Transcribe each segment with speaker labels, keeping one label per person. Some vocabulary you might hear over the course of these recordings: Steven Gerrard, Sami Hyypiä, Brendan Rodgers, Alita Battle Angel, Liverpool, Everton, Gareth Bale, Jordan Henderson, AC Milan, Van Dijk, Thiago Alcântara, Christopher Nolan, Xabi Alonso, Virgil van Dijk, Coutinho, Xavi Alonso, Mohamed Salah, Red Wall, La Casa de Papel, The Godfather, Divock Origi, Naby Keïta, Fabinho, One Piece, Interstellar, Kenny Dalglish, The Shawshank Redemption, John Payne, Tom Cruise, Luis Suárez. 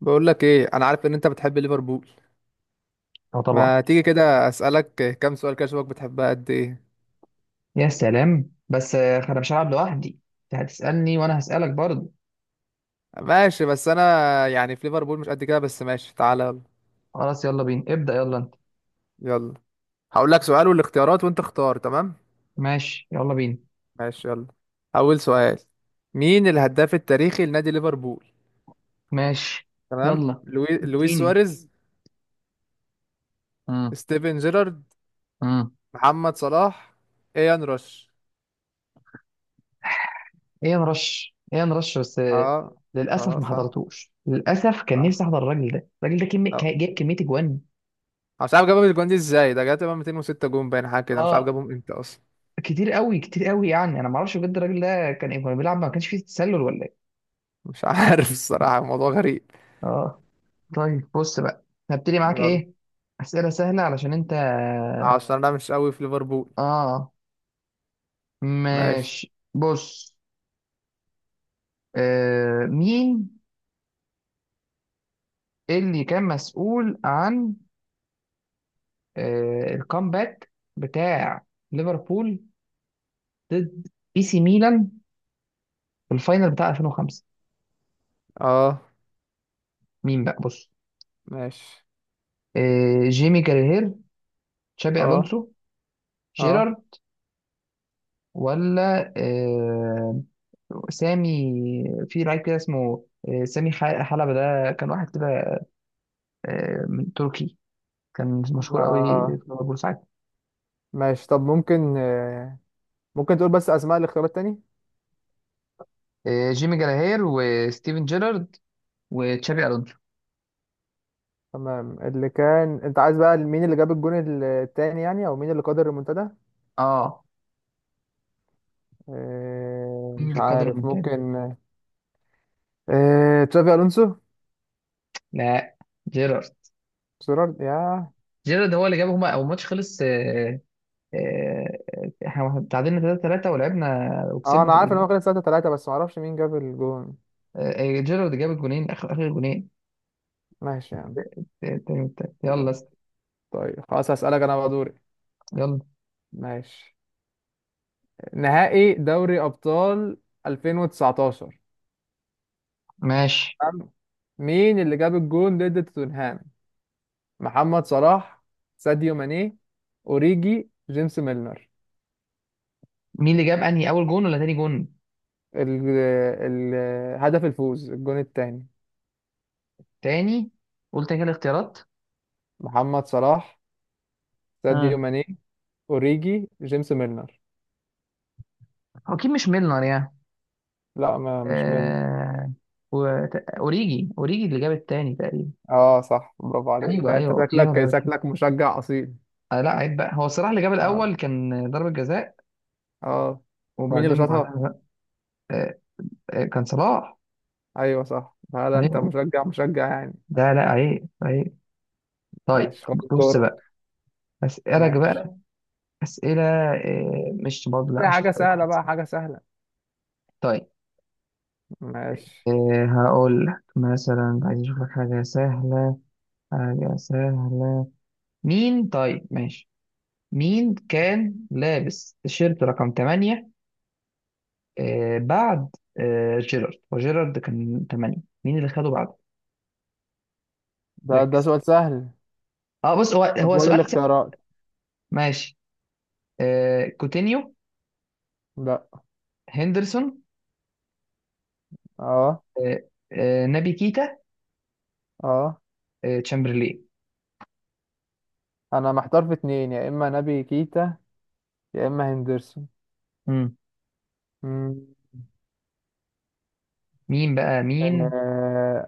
Speaker 1: بقول لك ايه، انا عارف ان انت بتحب ليفربول.
Speaker 2: اه، طبعا.
Speaker 1: ما تيجي كده اسالك كام سؤال كده اشوفك بتحبها قد ايه.
Speaker 2: يا سلام، بس انا مش هلعب لوحدي. انت هتسألني وانا هسألك برضه.
Speaker 1: ماشي بس انا يعني في ليفربول مش قد كده، بس ماشي تعالى يلا.
Speaker 2: خلاص، يلا بينا ابدأ. يلا انت.
Speaker 1: يلا هقول لك سؤال والاختيارات وانت اختار. تمام
Speaker 2: ماشي، يلا بينا.
Speaker 1: ماشي يلا. اول سؤال، مين الهداف التاريخي لنادي ليفربول؟
Speaker 2: ماشي،
Speaker 1: تمام،
Speaker 2: يلا.
Speaker 1: لويس
Speaker 2: اديني.
Speaker 1: سواريز،
Speaker 2: امم
Speaker 1: ستيفن جيرارد،
Speaker 2: امم
Speaker 1: محمد صلاح، ايان روش.
Speaker 2: ايه نرش، ايه نرش، بس
Speaker 1: اه،
Speaker 2: للأسف
Speaker 1: اه
Speaker 2: ما
Speaker 1: صح صح.
Speaker 2: حضرتوش. للأسف كان نفسي احضر الراجل ده. الراجل ده
Speaker 1: آه.
Speaker 2: جاب كمية اجوان.
Speaker 1: أنا مش عارف جابهم الجوان دي ازاي، ده جاب تقريبا 206 جون باين حاجه كده، مش عارف
Speaker 2: اه،
Speaker 1: جابهم امتى اصلا.
Speaker 2: كتير قوي كتير قوي يعني. انا ما اعرفش بجد الراجل ده كان إيه، كان بيلعب ما كانش فيه تسلل ولا ايه؟
Speaker 1: مش عارف الصراحة الموضوع غريب.
Speaker 2: اه، طيب بص بقى. هبتدي معاك
Speaker 1: يلا
Speaker 2: ايه؟ أسئلة سهلة علشان انت.
Speaker 1: عشان انا مش قوي في ليفربول.
Speaker 2: اه،
Speaker 1: ماشي.
Speaker 2: ماشي، بص. مين اللي كان مسؤول عن الكامباك بتاع ليفربول ضد اي سي ميلان في الفاينل بتاع 2005؟
Speaker 1: اه.
Speaker 2: مين بقى؟ بص.
Speaker 1: ماشي.
Speaker 2: جيمي كارير، تشابي
Speaker 1: اه.
Speaker 2: الونسو،
Speaker 1: اه.
Speaker 2: جيرارد، ولا سامي؟ في لعيب كده اسمه سامي حلبة. ده كان واحد كده من تركي، كان مشهور قوي في
Speaker 1: آه.
Speaker 2: ليفربول ساعتها.
Speaker 1: ماشي، طب ممكن ممكن تقول بس اسماء الاختيارات تاني.
Speaker 2: جيمي جراهير، وستيفن جيرارد، وتشابي الونسو.
Speaker 1: تمام اللي كان انت عايز بقى، مين اللي جاب الجون التاني يعني، او مين اللي قدر المنتدى.
Speaker 2: اه، مين
Speaker 1: مش
Speaker 2: اللي قاد
Speaker 1: عارف
Speaker 2: المونتانا؟
Speaker 1: ممكن تشافي الونسو.
Speaker 2: لا، جيرارد.
Speaker 1: سيرارد يا.
Speaker 2: جيرارد هو اللي جابهم. هو الماتش خلص. آه، احنا تعادلنا 3-3 ولعبنا
Speaker 1: اه
Speaker 2: وكسبنا
Speaker 1: انا
Speaker 2: في
Speaker 1: عارف ان هو خلص 3-3 بس ما اعرفش مين جاب الجون.
Speaker 2: جيرارد جاب الجونين، اخر اخر جونين،
Speaker 1: ماشي يعني.
Speaker 2: التاني والتالت.
Speaker 1: يلا.
Speaker 2: يلا
Speaker 1: طيب خلاص هسألك انا بقى دوري.
Speaker 2: يلا.
Speaker 1: ماشي. نهائي دوري ابطال 2019.
Speaker 2: ماشي،
Speaker 1: تمام؟ مين اللي جاب الجون ضد توتنهام؟ محمد صلاح، ساديو ماني، اوريجي، جيمس ميلنر.
Speaker 2: مين اللي جاب انهي، اول جون ولا تاني جون؟
Speaker 1: ال- هدف الفوز الجون الثاني،
Speaker 2: تاني. قلت كده الاختيارات.
Speaker 1: محمد صلاح، ساديو
Speaker 2: اه،
Speaker 1: ماني، اوريجي، جيمس ميلنر.
Speaker 2: هو اكيد مش ميلنر يعني.
Speaker 1: لا ما مش ميلنر.
Speaker 2: آه... و... اوريجي، اوريجي اللي جاب التاني تقريبا.
Speaker 1: اه صح، برافو عليك.
Speaker 2: ايوه،
Speaker 1: لا انت
Speaker 2: ايوه، اوريجي هو اللي
Speaker 1: شكلك
Speaker 2: جاب.
Speaker 1: شكلك مشجع اصيل.
Speaker 2: لا عيب بقى، هو صلاح اللي جاب
Speaker 1: اه،
Speaker 2: الاول، كان ضربة جزاء.
Speaker 1: اه. مين اللي
Speaker 2: وبعدين
Speaker 1: شاطها؟
Speaker 2: بعدها بقى آه كان صلاح.
Speaker 1: ايوه صح. لا لا، انت
Speaker 2: عيب،
Speaker 1: مشجع مشجع يعني.
Speaker 2: لا لا عيب عيب. طيب،
Speaker 1: ماشي خد
Speaker 2: بص
Speaker 1: الدور.
Speaker 2: بقى. اسالك
Speaker 1: ماشي.
Speaker 2: بقى اسئله. مش برضه،
Speaker 1: في
Speaker 2: لا، مش
Speaker 1: حاجة
Speaker 2: هسالك واحد.
Speaker 1: سهلة بقى، حاجة سهلة.
Speaker 2: طيب.
Speaker 1: ماشي.
Speaker 2: هقول لك مثلا. عايز اشوف لك حاجه سهله، حاجه سهله. مين؟ طيب، ماشي. مين كان لابس تيشيرت رقم 8؟ بعد جيرارد، وجيرارد كان 8. مين اللي خده بعده؟
Speaker 1: ده
Speaker 2: ركز.
Speaker 1: سؤال سهل.
Speaker 2: اه، بص، هو
Speaker 1: طب
Speaker 2: هو
Speaker 1: وايه
Speaker 2: سؤال.
Speaker 1: الاختيارات؟
Speaker 2: ماشي، كوتينيو،
Speaker 1: لا.
Speaker 2: هندرسون،
Speaker 1: اه.
Speaker 2: آه نبي كيتا،
Speaker 1: اه.
Speaker 2: تشامبرلين.
Speaker 1: انا محتار في اتنين، يا اما نبي كيتا يا اما هندرسون.
Speaker 2: مم.
Speaker 1: مم.
Speaker 2: مين بقى؟ مين؟
Speaker 1: آه...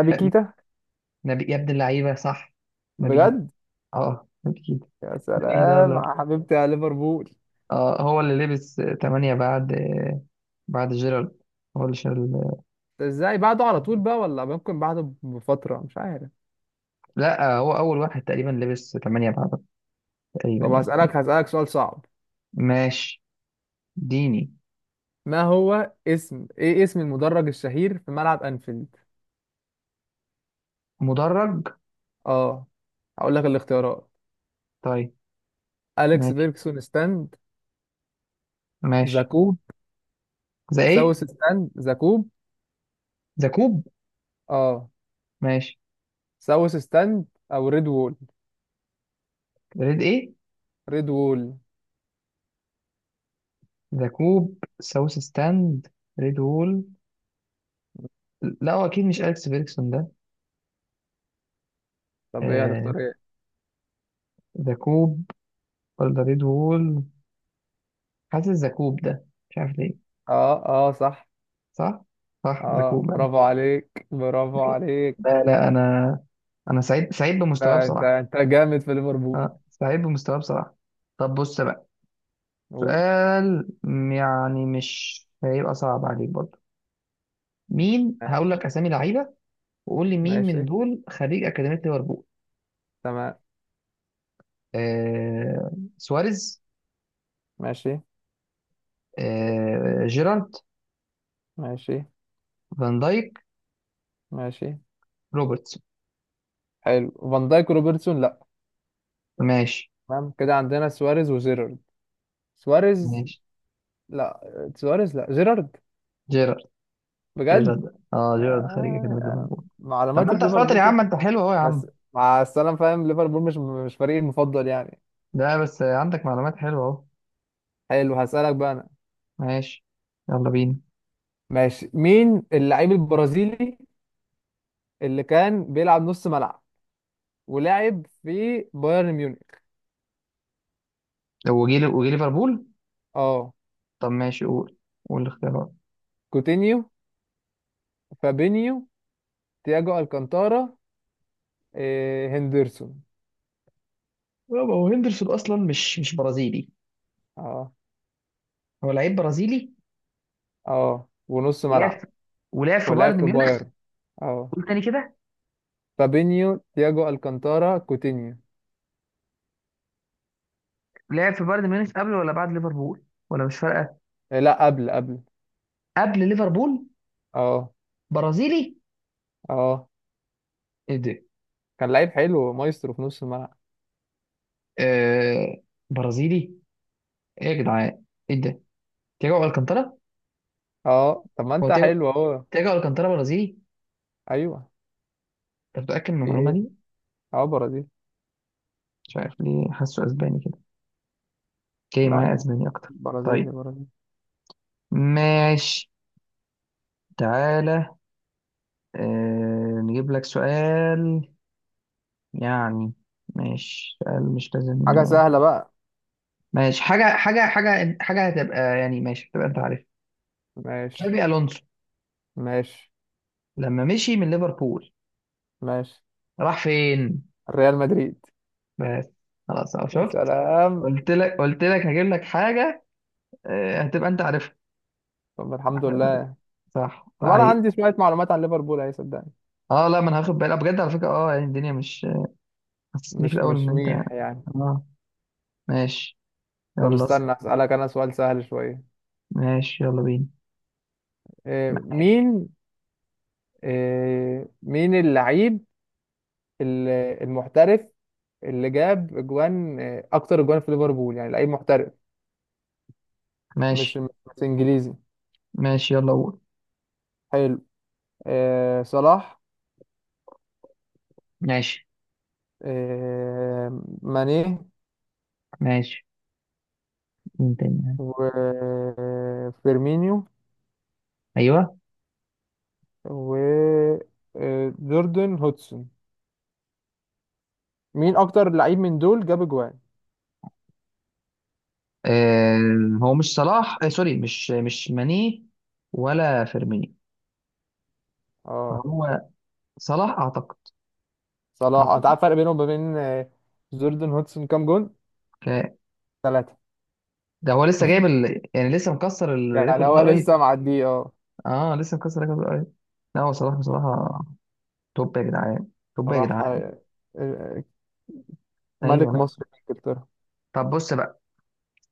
Speaker 2: خ...
Speaker 1: كيتا.
Speaker 2: نبي يا ابن اللعيبة، صح! نبي كيتا.
Speaker 1: بجد؟
Speaker 2: اه، نبي كيتا.
Speaker 1: يا
Speaker 2: نبي كيتا،
Speaker 1: سلام
Speaker 2: يلا.
Speaker 1: يا حبيبتي يا ليفربول.
Speaker 2: اه، هو اللي لبس تمانية بعد، بعد جيرارد، هو اللي شال.
Speaker 1: ده ازاي بعده على طول بقى ولا ممكن بعده بفترة، مش عارف.
Speaker 2: لا، هو أول واحد تقريبا لبس تمانية بعد، تقريبا
Speaker 1: طب
Speaker 2: يعني.
Speaker 1: هسألك سؤال صعب.
Speaker 2: ماشي، ديني.
Speaker 1: ما هو اسم، ايه اسم المدرج الشهير في ملعب انفيلد؟
Speaker 2: مدرج؟
Speaker 1: اه. هقول لك الاختيارات،
Speaker 2: طيب،
Speaker 1: أليكس
Speaker 2: ماشي
Speaker 1: بيركسون ستاند،
Speaker 2: ماشي.
Speaker 1: زاكوب،
Speaker 2: ذا ايه؟
Speaker 1: ساوث ستاند زاكوب.
Speaker 2: ذا كوب.
Speaker 1: اه،
Speaker 2: ماشي.
Speaker 1: ساوث ستاند، او ريد وول.
Speaker 2: ريد ايه؟
Speaker 1: ريد وول.
Speaker 2: ذا كوب ساوث ستاند، ريد وول. لا، هو اكيد مش اليكس فيرجسون ده.
Speaker 1: طب ايه،
Speaker 2: آه،
Speaker 1: هتختار ايه؟
Speaker 2: ذا كوب ولا ريد وول؟ حاسس ذا كوب، ده مش عارف ليه.
Speaker 1: اه، اه صح.
Speaker 2: صح. صح، ذا
Speaker 1: اه
Speaker 2: كوب يعني.
Speaker 1: برافو عليك، برافو عليك.
Speaker 2: لا لا، انا انا سعيد، سعيد بمستواه
Speaker 1: آه، انت
Speaker 2: بصراحه.
Speaker 1: انت جامد في ليفربول.
Speaker 2: اه، سعيد بمستواه بصراحه. طب بص بقى،
Speaker 1: قول.
Speaker 2: سؤال يعني مش هيبقى صعب عليك برضه. مين، هقول لك اسامي لعيبه وقول لي مين من
Speaker 1: ماشي.
Speaker 2: دول خريج اكاديميه ليفربول.
Speaker 1: تمام.
Speaker 2: آه سواريز،
Speaker 1: ماشي.
Speaker 2: جيرارد،
Speaker 1: ماشي.
Speaker 2: فان دايك،
Speaker 1: ماشي.
Speaker 2: روبرتسون.
Speaker 1: حلو، فان دايك وروبرتسون لا.
Speaker 2: ماشي
Speaker 1: تمام كده، عندنا سواريز وجيرارد. سواريز.
Speaker 2: ماشي.
Speaker 1: لا، سواريز لا، جيرارد.
Speaker 2: جيرارد.
Speaker 1: بجد؟
Speaker 2: جيرارد. اه، جيرارد خارج كده من
Speaker 1: آه.
Speaker 2: ليفربول. طب ما
Speaker 1: معلوماتي
Speaker 2: انت
Speaker 1: في
Speaker 2: شاطر يا
Speaker 1: ليفربول.
Speaker 2: عم، انت حلو اهو يا
Speaker 1: بس
Speaker 2: عم.
Speaker 1: مع السلامة، فاهم ليفربول مش فريقي المفضل يعني.
Speaker 2: لا، بس عندك معلومات حلوه اهو.
Speaker 1: حلو هسألك بقى أنا.
Speaker 2: ماشي، يلا بينا.
Speaker 1: ماشي. مين اللعيب البرازيلي اللي كان بيلعب نص ملعب ولعب في بايرن ميونخ؟
Speaker 2: هو جه وجه ليفربول.
Speaker 1: اه.
Speaker 2: طب ماشي، قول، قول الاختيارات.
Speaker 1: كوتينيو، فابينيو، تياجو الكانتارا، إيه هندرسون.
Speaker 2: يابا، هو هندرسون اصلا مش برازيلي.
Speaker 1: اه.
Speaker 2: هو لعيب برازيلي
Speaker 1: اه، ونص
Speaker 2: ولعب
Speaker 1: ملعب
Speaker 2: في- ولعب في
Speaker 1: ولعب
Speaker 2: بايرن
Speaker 1: في
Speaker 2: ميونخ.
Speaker 1: بايرن. اه.
Speaker 2: قول تاني كده.
Speaker 1: فابينيو، تياجو الكانتارا، كوتينيو.
Speaker 2: لعب في بايرن ميونخ قبل ولا بعد ليفربول؟ ولا مش فارقه.
Speaker 1: إيه لا، قبل قبل.
Speaker 2: قبل ليفربول.
Speaker 1: اه.
Speaker 2: برازيلي؟
Speaker 1: اه.
Speaker 2: ايه ده؟
Speaker 1: كان لعيب حلو مايسترو في نص الملعب.
Speaker 2: آه برازيلي؟ ايه يا جدعان؟ ايه ده؟ تياجو الكانتارا.
Speaker 1: اه طب ما
Speaker 2: هو
Speaker 1: انت
Speaker 2: تياجو،
Speaker 1: حلو اهو.
Speaker 2: تياجو الكانتارا برازيلي؟
Speaker 1: ايوه.
Speaker 2: انت متأكد من
Speaker 1: دي
Speaker 2: المعلومة
Speaker 1: ايه؟
Speaker 2: دي؟
Speaker 1: اه، برازيل.
Speaker 2: مش عارف ليه حاسه اسباني كده. اوكي،
Speaker 1: لا
Speaker 2: ما
Speaker 1: يعني،
Speaker 2: اسباني اكتر.
Speaker 1: برازيلي
Speaker 2: طيب،
Speaker 1: برازيلي.
Speaker 2: ماشي، تعالى. نجيب لك سؤال يعني. ماشي، سؤال مش لازم.
Speaker 1: حاجه سهله بقى.
Speaker 2: ماشي، حاجة حاجة حاجة حاجة هتبقى يعني. ماشي، هتبقى انت عارف. تشابي
Speaker 1: ماشي.
Speaker 2: الونسو،
Speaker 1: ماشي.
Speaker 2: لما مشي من ليفربول،
Speaker 1: ماشي.
Speaker 2: راح فين؟
Speaker 1: ريال مدريد.
Speaker 2: بس، خلاص أهو،
Speaker 1: يا
Speaker 2: شفت؟
Speaker 1: سلام.
Speaker 2: قلت لك، قلت لك هجيب لك حاجة هتبقى انت عارفها.
Speaker 1: طب الحمد لله.
Speaker 2: صح
Speaker 1: طب انا
Speaker 2: لا؟
Speaker 1: عندي شويه معلومات عن ليفربول اهي، صدقني
Speaker 2: اه، لا، ما انا هاخد بالي بجد على فكرة. اه، يعني الدنيا مش، حسسني في
Speaker 1: مش
Speaker 2: الاول ان
Speaker 1: مش
Speaker 2: انت،
Speaker 1: ميح يعني.
Speaker 2: اه، ماشي،
Speaker 1: طب
Speaker 2: يلا اسأل.
Speaker 1: استنى اسالك انا سؤال سهل شويه.
Speaker 2: ماشي، يلا بينا.
Speaker 1: إيه
Speaker 2: معاك.
Speaker 1: مين، اللعيب ال- المحترف اللي جاب اجوان اكتر اجوان في ليفربول، يعني لعيب محترف مش
Speaker 2: ماشي،
Speaker 1: مش انجليزي.
Speaker 2: ماشي، يلا قول.
Speaker 1: حلو. آه صلاح،
Speaker 2: ماشي،
Speaker 1: ماني،
Speaker 2: ماشي. مين تاني؟
Speaker 1: وفيرمينيو،
Speaker 2: ايوه.
Speaker 1: وجوردن هودسون. مين اكتر لعيب من دول جاب جوان؟
Speaker 2: آه هو مش صلاح، سوري، مش ماني ولا فيرمينيو.
Speaker 1: اه،
Speaker 2: هو صلاح اعتقد.
Speaker 1: صلاح. انت
Speaker 2: اعتقد.
Speaker 1: عارف الفرق بينهم وبين جوردن هودسون كام جون؟
Speaker 2: ك-
Speaker 1: ثلاثة.
Speaker 2: ده هو لسه جايب يعني لسه مكسر
Speaker 1: يعني
Speaker 2: الريكورد ده
Speaker 1: هو
Speaker 2: قريب.
Speaker 1: لسه معديه اه.
Speaker 2: اه، لسه مكسر الريكورد ده قريب. لا، هو صلاح بصراحة. توب يا جدعان، توب يا
Speaker 1: صلاح،
Speaker 2: جدعان.
Speaker 1: آه،
Speaker 2: ايوه
Speaker 1: ملك
Speaker 2: لا.
Speaker 1: مصر في انجلترا.
Speaker 2: طب بص،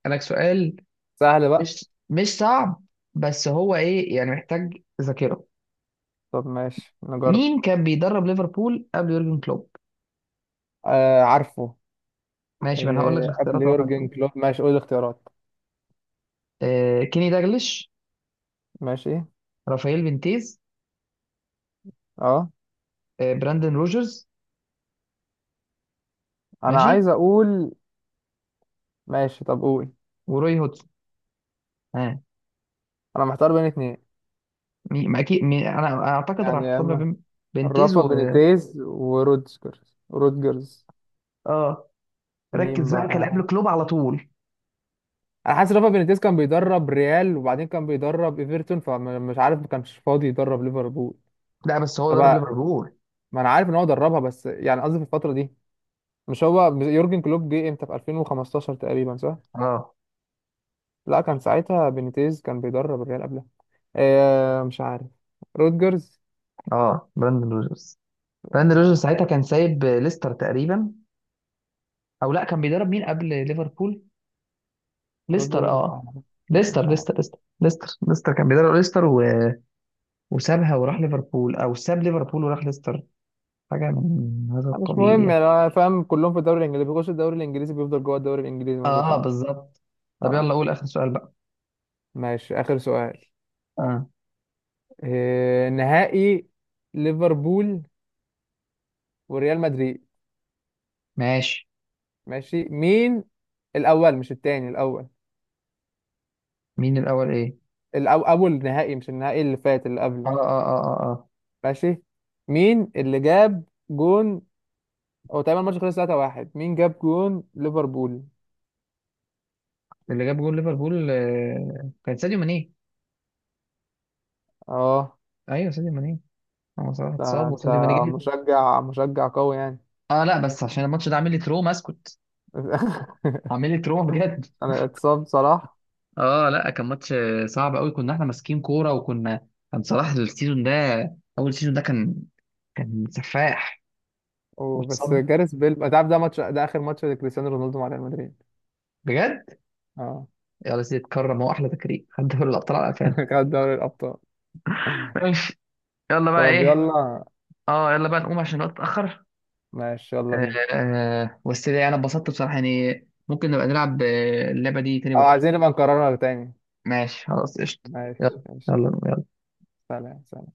Speaker 2: لك سؤال
Speaker 1: سهل بقى.
Speaker 2: مش صعب، بس هو ايه يعني، محتاج ذاكره.
Speaker 1: طب ماشي نجرب.
Speaker 2: مين كان بيدرب ليفربول قبل يورجن كلوب؟
Speaker 1: آه عارفه.
Speaker 2: ماشي، ما انا هقول لك
Speaker 1: آه
Speaker 2: الاختيارات
Speaker 1: قبل
Speaker 2: اهو،
Speaker 1: يورجن
Speaker 2: هنشوف.
Speaker 1: كلوب، ماشي قول الاختيارات.
Speaker 2: كيني داجلش،
Speaker 1: ماشي.
Speaker 2: رافائيل فينتيز،
Speaker 1: اه
Speaker 2: براندن روجرز.
Speaker 1: انا
Speaker 2: ماشي،
Speaker 1: عايز اقول. ماشي طب قول.
Speaker 2: وروي هودسون. ها،
Speaker 1: انا محتار بين اتنين
Speaker 2: مين ما اكيد مين؟ انا اعتقد راح
Speaker 1: يعني، يا
Speaker 2: اختار ما
Speaker 1: اما
Speaker 2: بين فينتيز
Speaker 1: رافا
Speaker 2: و،
Speaker 1: بينيتيز ورودجرز. رودجرز.
Speaker 2: اه،
Speaker 1: مين
Speaker 2: ركز بقى، كان قبل
Speaker 1: بقى؟
Speaker 2: كلوب على طول.
Speaker 1: انا حاسس رافا بينيتيز كان بيدرب ريال وبعدين كان بيدرب ايفرتون، فمش عارف ما كانش فاضي يدرب ليفربول.
Speaker 2: لا بس هو
Speaker 1: طب،
Speaker 2: درب ليفربول.
Speaker 1: ما انا عارف ان هو دربها بس يعني قصدي في الفتره دي. مش هو يورجن كلوب جه امتى في 2015 تقريبا صح؟
Speaker 2: اه،
Speaker 1: لا كان ساعتها بينيتيز كان بيدرب الريال قبلها. آه مش عارف. رودجرز.
Speaker 2: اه، براندن روجرز. براندن روجرز ساعتها كان سايب ليستر تقريبا. او لا، كان بيدرب مين قبل ليفربول؟ ليستر،
Speaker 1: رودجرز،
Speaker 2: اه.
Speaker 1: مش
Speaker 2: ليستر
Speaker 1: عارف.
Speaker 2: ليستر ليستر ليستر ليستر كان بيدرب ليستر وسابها وراح ليفربول، او ساب ليفربول وراح ليستر. حاجه من هذا
Speaker 1: مش
Speaker 2: القبيل
Speaker 1: مهم
Speaker 2: يعني.
Speaker 1: يعني، انا فاهم كلهم في الدوري الانجليزي، بيخش الدوري الانجليزي بيفضل جوه الدوري الانجليزي ما
Speaker 2: اه،
Speaker 1: بيطلعش.
Speaker 2: بالظبط. طب
Speaker 1: اه.
Speaker 2: يلا قول اخر سؤال بقى.
Speaker 1: ماشي اخر سؤال.
Speaker 2: اه،
Speaker 1: إيه نهائي ليفربول وريال مدريد.
Speaker 2: ماشي.
Speaker 1: ماشي. مين الاول، مش التاني الاول.
Speaker 2: مين الاول ايه؟
Speaker 1: اول نهائي مش النهائي اللي فات، اللي
Speaker 2: اه،
Speaker 1: قبله.
Speaker 2: اه، اه، اه، آه.
Speaker 1: ماشي. مين اللي جاب جون؟ هو تقريبا الماتش خلص 3-1، مين جاب جون ليفربول؟
Speaker 2: اللي جاب جول ليفربول كان ساديو ماني.
Speaker 1: اه.
Speaker 2: ايوه، ساديو ماني. هو صلاح
Speaker 1: ده
Speaker 2: اتصاب
Speaker 1: انت
Speaker 2: وساديو ماني جه.
Speaker 1: مشجع مشجع قوي يعني.
Speaker 2: اه، لا بس عشان الماتش ده عامل لي تروما. اسكت، عامل لي تروما بجد.
Speaker 1: انا اتصاب صلاح
Speaker 2: اه، لا كان ماتش صعب قوي. كنا احنا ماسكين كوره، وكنا، كان صلاح السيزون ده، اول سيزون ده كان، كان سفاح.
Speaker 1: وبس،
Speaker 2: واتصاب،
Speaker 1: جاريث بيل، انت عارف ده ماتش، ده اخر ماتش لكريستيانو رونالدو مع ريال مدريد.
Speaker 2: بجد.
Speaker 1: اه.
Speaker 2: يلا سيدي، اتكرم. هو احلى تكريم، خد دوري الابطال على قفانا.
Speaker 1: خد دوري الابطال.
Speaker 2: ماشي، يلا بقى
Speaker 1: طب
Speaker 2: ايه.
Speaker 1: يلا.
Speaker 2: اه، يلا بقى نقوم عشان الوقت اتاخر.
Speaker 1: ماشي يلا
Speaker 2: آه
Speaker 1: بينا.
Speaker 2: بس ده انا اتبسطت بصراحه يعني. ممكن نبقى نلعب اللعبه دي تاني
Speaker 1: او
Speaker 2: بكره.
Speaker 1: عايزين نبقى نكررها تاني.
Speaker 2: ماشي، خلاص قشطه.
Speaker 1: ماشي
Speaker 2: يلا،
Speaker 1: ماشي.
Speaker 2: يلا يلا.
Speaker 1: سلام سلام.